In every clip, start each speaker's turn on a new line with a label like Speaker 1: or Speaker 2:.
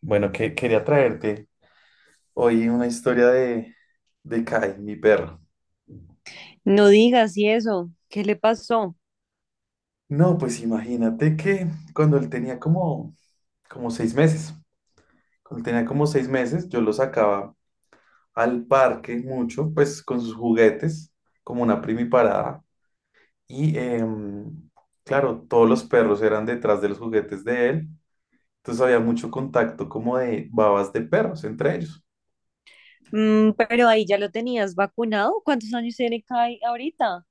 Speaker 1: Bueno, que, quería traerte hoy una historia de Kai, mi perro.
Speaker 2: No digas y eso, ¿qué le pasó?
Speaker 1: No, pues imagínate que cuando él tenía como 6 meses, yo lo sacaba al parque mucho, pues con sus juguetes, como una primiparada. Y claro, todos los perros eran detrás de los juguetes de él, entonces había mucho contacto como de babas de perros entre ellos.
Speaker 2: Mm, pero ahí ya lo tenías vacunado. ¿Cuántos años tiene Kai ahorita?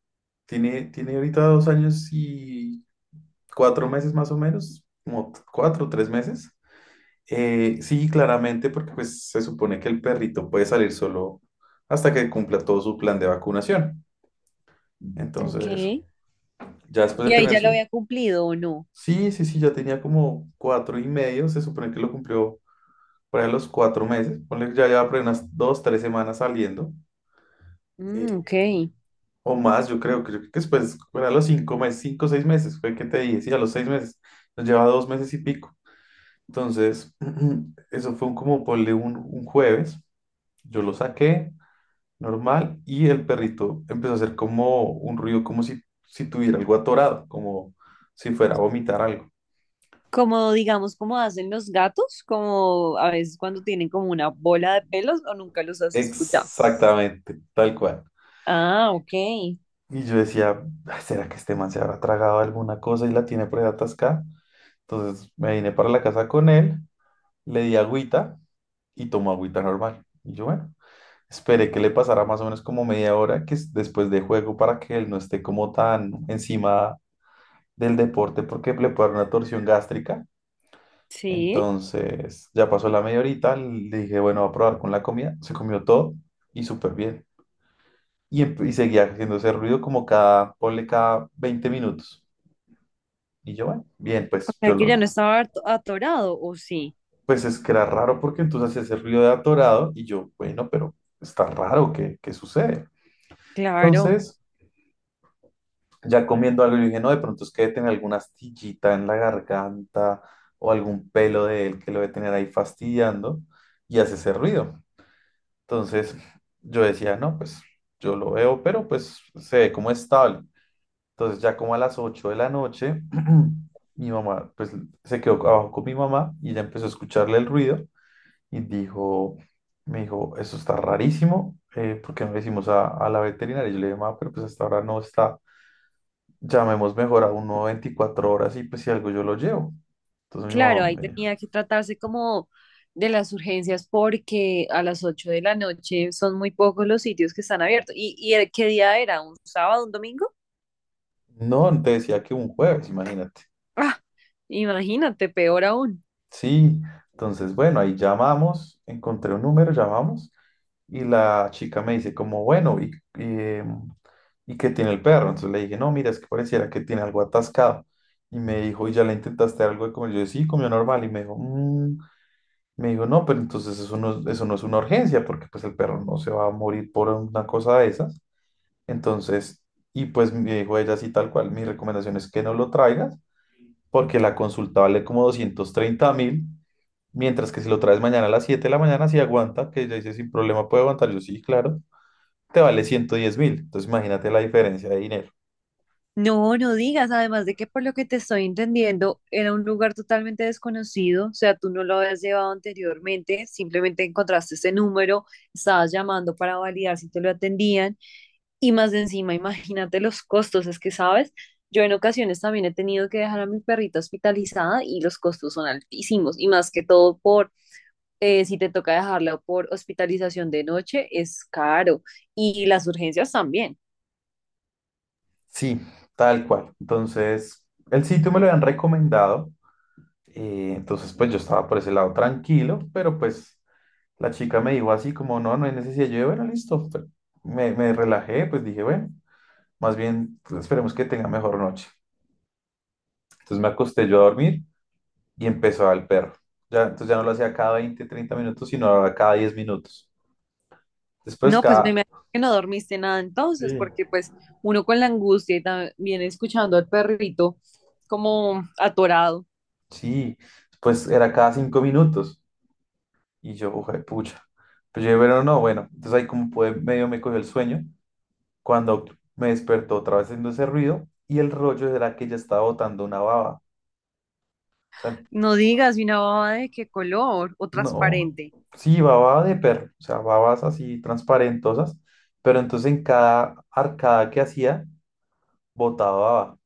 Speaker 1: Tiene ahorita 2 años y 4 meses más o menos, como 4 o 3 meses. Sí, claramente, porque pues se supone que el perrito puede salir solo hasta que cumpla todo su plan de vacunación.
Speaker 2: Ok.
Speaker 1: Entonces, ya después
Speaker 2: ¿Y
Speaker 1: de
Speaker 2: ahí
Speaker 1: tener
Speaker 2: ya lo
Speaker 1: su...
Speaker 2: había cumplido o no?
Speaker 1: Sí, sí, sí, ya tenía como 4 y medio. Se supone que lo cumplió por ahí a los 4 meses, ponle que ya lleva por ahí unas 2, 3 semanas saliendo,
Speaker 2: Mm, ok.
Speaker 1: eh, o más, yo creo que después, por ahí a los 5 meses, 5, o 6 meses, fue que te dije, sí, a los 6 meses, nos lleva 2 meses y pico. Entonces, eso fue como ponle un jueves. Yo lo saqué normal y el perrito empezó a hacer como un ruido, como si tuviera algo atorado, como si fuera a vomitar algo.
Speaker 2: Como digamos, como hacen los gatos, como a veces cuando tienen como una bola de pelos o nunca los has escuchado.
Speaker 1: Exactamente, tal cual.
Speaker 2: Ah, ok.
Speaker 1: Y yo decía: "Ay, ¿será que este man se habrá tragado alguna cosa y la tiene por ahí atascada?". Entonces me vine para la casa con él, le di agüita y tomó agüita normal. Y yo, bueno, esperé que le pasara más o menos como media hora, que es después de juego, para que él no esté como tan encima del deporte, porque le puede dar una torsión gástrica.
Speaker 2: Sí.
Speaker 1: Entonces ya pasó la media horita, le dije, bueno, va a probar con la comida. Se comió todo y súper bien. Y seguía haciendo ese ruido como cada, ponle, cada 20 minutos. Y yo, bueno, bien,
Speaker 2: O
Speaker 1: pues
Speaker 2: sea
Speaker 1: yo
Speaker 2: que ya
Speaker 1: los...
Speaker 2: no estaba atorado, ¿o sí?
Speaker 1: Pues es que era raro, porque entonces hacía ese ruido de atorado y yo, bueno, pero está raro, ¿qué sucede?
Speaker 2: Claro.
Speaker 1: Entonces... ya comiendo algo, yo dije, no, de pronto es que debe tener alguna astillita en la garganta, o algún pelo de él que lo debe tener ahí fastidiando y hace ese ruido. Entonces yo decía, no, pues yo lo veo, pero pues se ve como estable. Entonces ya como a las 8 de la noche, mi mamá, pues se quedó abajo con mi mamá y ella empezó a escucharle el ruido y dijo, me dijo, eso está rarísimo, ¿por qué no le decimos a la veterinaria? Y yo le dije, mamá, pero pues hasta ahora no está, llamemos mejor a uno 24 horas y pues si algo yo lo llevo. Entonces mi
Speaker 2: Claro,
Speaker 1: mamá
Speaker 2: ahí
Speaker 1: me dijo,
Speaker 2: tenía que tratarse como de las urgencias porque a las 8 de la noche son muy pocos los sitios que están abiertos. Y qué día era? ¿Un sábado, un domingo?
Speaker 1: no, te decía que un jueves, imagínate.
Speaker 2: Ah, imagínate, peor aún.
Speaker 1: Sí, entonces bueno, ahí llamamos, encontré un número, llamamos y la chica me dice como, bueno, y, em, ¿y qué tiene el perro? Entonces le dije, no, mira, es que pareciera que tiene algo atascado. Y me dijo, ¿y ya le intentaste dar algo de comer? Yo dije, sí, comió normal y me dijo: "Mm". Me dijo, no, pero entonces eso no es una urgencia, porque pues el perro no se va a morir por una cosa de esas. Entonces, y pues me dijo ella así tal cual, mi recomendación es que no lo traigas, porque la consulta vale como 230.000, mientras que si lo traes mañana a las 7 de la mañana, si aguanta, que ella dice sin problema puede aguantar, yo, sí, claro, te vale 110.000. Entonces, imagínate la diferencia de dinero.
Speaker 2: No, no digas, además de que por lo que te estoy entendiendo, era un lugar totalmente desconocido, o sea, tú no lo habías llevado anteriormente, simplemente encontraste ese número, estabas llamando para validar si te lo atendían. Y más de encima, imagínate los costos, es que, ¿sabes? Yo en ocasiones también he tenido que dejar a mi perrita hospitalizada y los costos son altísimos. Y más que todo por, si te toca dejarla por hospitalización de noche, es caro. Y las urgencias también.
Speaker 1: Sí, tal cual. Entonces, el sitio me lo habían recomendado, entonces pues yo estaba por ese lado tranquilo, pero pues la chica me dijo así como, no, no hay necesidad, yo, bueno, listo, me relajé, pues dije, bueno. Más bien, pues, esperemos que tenga mejor noche. Entonces me acosté yo a dormir y empezó el perro. Ya, entonces ya no lo hacía cada 20 30 minutos, sino ahora cada 10 minutos. Después
Speaker 2: No, pues me
Speaker 1: cada...
Speaker 2: imagino que no dormiste nada entonces,
Speaker 1: Sí.
Speaker 2: porque pues uno con la angustia y también escuchando al perrito como atorado.
Speaker 1: Sí, después era cada 5 minutos. Y yo, ojo de pucha. Pero yo, bueno, no, bueno. Entonces ahí como pude, medio me cogió el sueño. Cuando me despertó otra vez haciendo ese ruido y el rollo era que ya estaba botando una baba. O sea,
Speaker 2: No digas, ¿y una baba de qué color o
Speaker 1: no,
Speaker 2: transparente?
Speaker 1: sí, baba de perro, o sea, babas así transparentosas, pero entonces en cada arcada que hacía, botaba baba.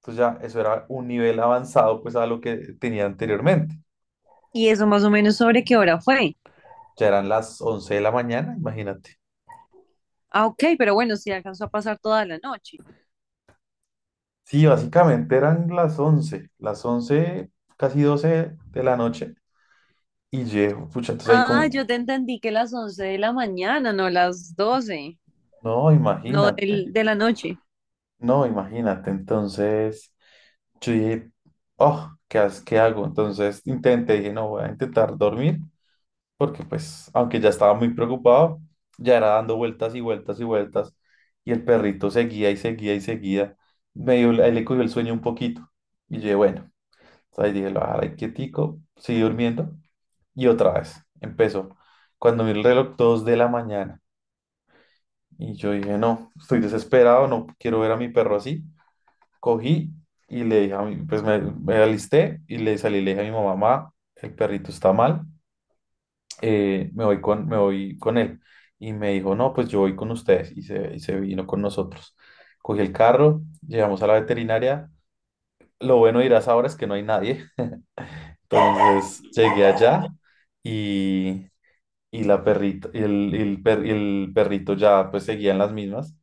Speaker 1: Entonces ya eso era un nivel avanzado pues a lo que tenía anteriormente.
Speaker 2: Y eso más o menos sobre qué hora fue.
Speaker 1: Ya eran las 11 de la mañana, imagínate.
Speaker 2: Ah, ok, pero bueno, sí alcanzó a pasar toda la noche.
Speaker 1: Sí, básicamente eran las once, casi 12 de la noche. Y yo pucha, entonces ahí
Speaker 2: Ah,
Speaker 1: como,
Speaker 2: yo te entendí que las 11 de la mañana, no las 12,
Speaker 1: no,
Speaker 2: no
Speaker 1: imagínate,
Speaker 2: de la noche.
Speaker 1: no, imagínate. Entonces... Yo dije, oh, ¿qué hago? Entonces intenté, dije, no, voy a intentar dormir, porque pues, aunque ya estaba muy preocupado, ya era dando vueltas y vueltas y vueltas, y el perrito seguía y seguía y seguía. Medio él le cogió el sueño un poquito, y yo dije, bueno, entonces dije, lo voy quietico, seguí durmiendo, y otra vez, empezó. Cuando vi el reloj, 2 de la mañana, y yo dije, no, estoy desesperado, no quiero ver a mi perro así. Cogí y le dije pues me alisté y le salí, le dije a mi mamá: "Ma, el perrito está mal, me voy con él". Y me dijo, no, pues yo voy con ustedes. Y se vino con nosotros. Cogí el carro, llegamos a la veterinaria. Lo bueno, dirás ahora, es que no hay nadie. Entonces llegué allá y, y la perrita, y el per- y el perrito ya pues seguía en las mismas.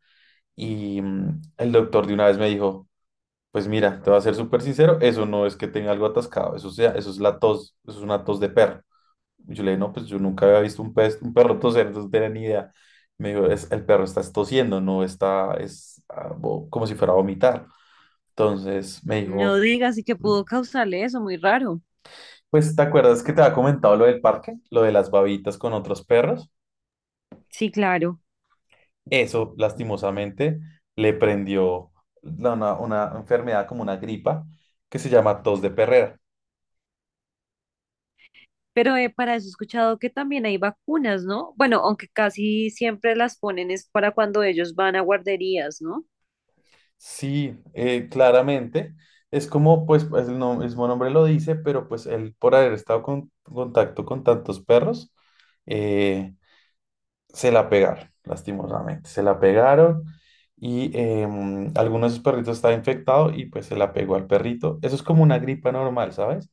Speaker 1: Y mm, el doctor de una vez me dijo, pues mira, te voy a ser súper sincero, eso no es que tenga algo atascado, eso es la tos, eso es una tos de perro. Y yo le dije, no, pues yo nunca había visto un perro toser, entonces no tenía ni idea. Me dijo: "Es- el perro está tosiendo, no está, como si fuera a vomitar". Entonces me
Speaker 2: No
Speaker 1: dijo,
Speaker 2: digas, y que pudo causarle eso, muy raro.
Speaker 1: pues ¿te acuerdas que te había comentado lo del parque? Lo de las babitas con otros perros.
Speaker 2: Sí, claro.
Speaker 1: Eso, lastimosamente, le prendió una enfermedad, como una gripa que se llama tos de perrera.
Speaker 2: Pero para eso he escuchado que también hay vacunas, ¿no? Bueno, aunque casi siempre las ponen es para cuando ellos van a guarderías, ¿no?
Speaker 1: Sí, claramente. Es como, pues, el mismo nombre lo dice, pero pues él, por haber estado en contacto con tantos perros, eh, se la pegaron, lastimosamente. Se la pegaron y alguno de sus perritos estaba infectado y pues se la pegó al perrito. Eso es como una gripa normal, ¿sabes?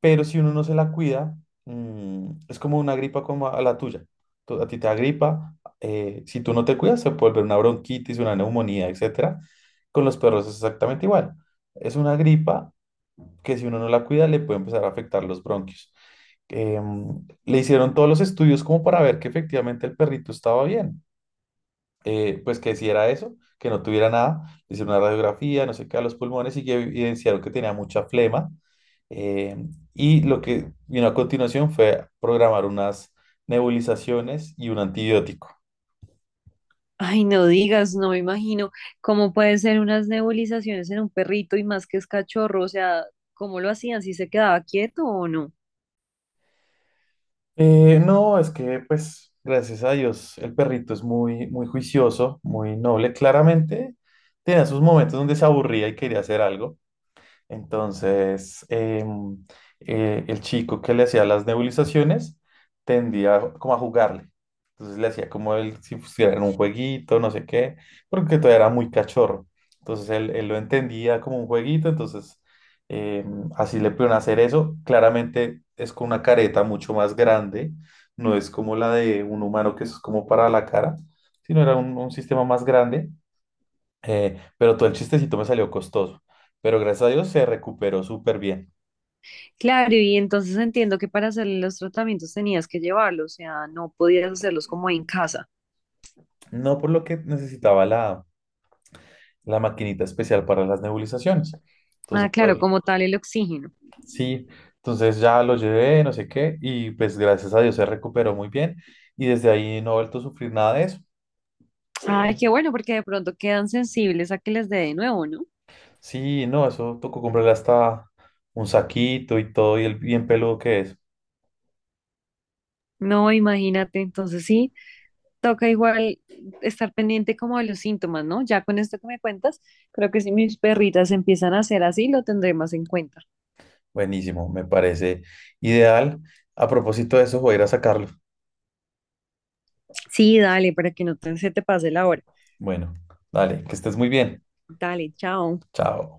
Speaker 1: Pero si uno no se la cuida, es como una gripa como a la tuya. A ti te da gripa, si tú no te cuidas, se puede volver una bronquitis, una neumonía, etcétera. Con los perros es exactamente igual. Es una gripa que, si uno no la cuida, le puede empezar a afectar los bronquios. Le hicieron todos los estudios como para ver que efectivamente el perrito estaba bien, pues que hiciera eso, que no tuviera nada; le hicieron una radiografía, no sé qué, a los pulmones y que evidenciaron que tenía mucha flema. eh, y lo que vino a continuación fue programar unas nebulizaciones y un antibiótico.
Speaker 2: Ay, no digas, no me imagino cómo pueden ser unas nebulizaciones en un perrito y más que es cachorro, o sea, ¿cómo lo hacían? ¿Si se quedaba quieto o no?
Speaker 1: No, es que pues gracias a Dios el perrito es muy, muy juicioso, muy noble. Claramente tenía sus momentos donde se aburría y quería hacer algo. Entonces, el chico que le hacía las nebulizaciones tendía como a jugarle. Entonces le hacía como él si pusiera en un jueguito, no sé qué, porque todavía era muy cachorro. Entonces él lo entendía como un jueguito, entonces así le pudieron hacer eso. Claramente es con una careta mucho más grande, no es como la de un humano que es como para la cara, sino era un sistema más grande, pero todo el chistecito me salió costoso. Pero gracias a Dios se recuperó súper bien.
Speaker 2: Claro, y entonces entiendo que para hacer los tratamientos tenías que llevarlos, o sea, no podías hacerlos como en casa.
Speaker 1: No, por lo que necesitaba la maquinita especial para las nebulizaciones. Entonces,
Speaker 2: Ah, claro, como tal el oxígeno.
Speaker 1: sí, entonces ya lo llevé, no sé qué, y pues gracias a Dios se recuperó muy bien. Y desde ahí no he vuelto a sufrir nada de eso.
Speaker 2: Ay, qué bueno, porque de pronto quedan sensibles a que les dé de nuevo, ¿no?
Speaker 1: Sí, no, eso tocó comprarle hasta un saquito y todo, y el bien peludo que es.
Speaker 2: No, imagínate, entonces sí, toca igual estar pendiente como de los síntomas, ¿no? Ya con esto que me cuentas, creo que si mis perritas empiezan a hacer así, lo tendré más en cuenta.
Speaker 1: Buenísimo, me parece ideal. A propósito de eso, voy a ir a sacarlo.
Speaker 2: Sí, dale, para que no se te pase la hora.
Speaker 1: Bueno, dale, que estés muy bien.
Speaker 2: Dale, chao.
Speaker 1: Chao.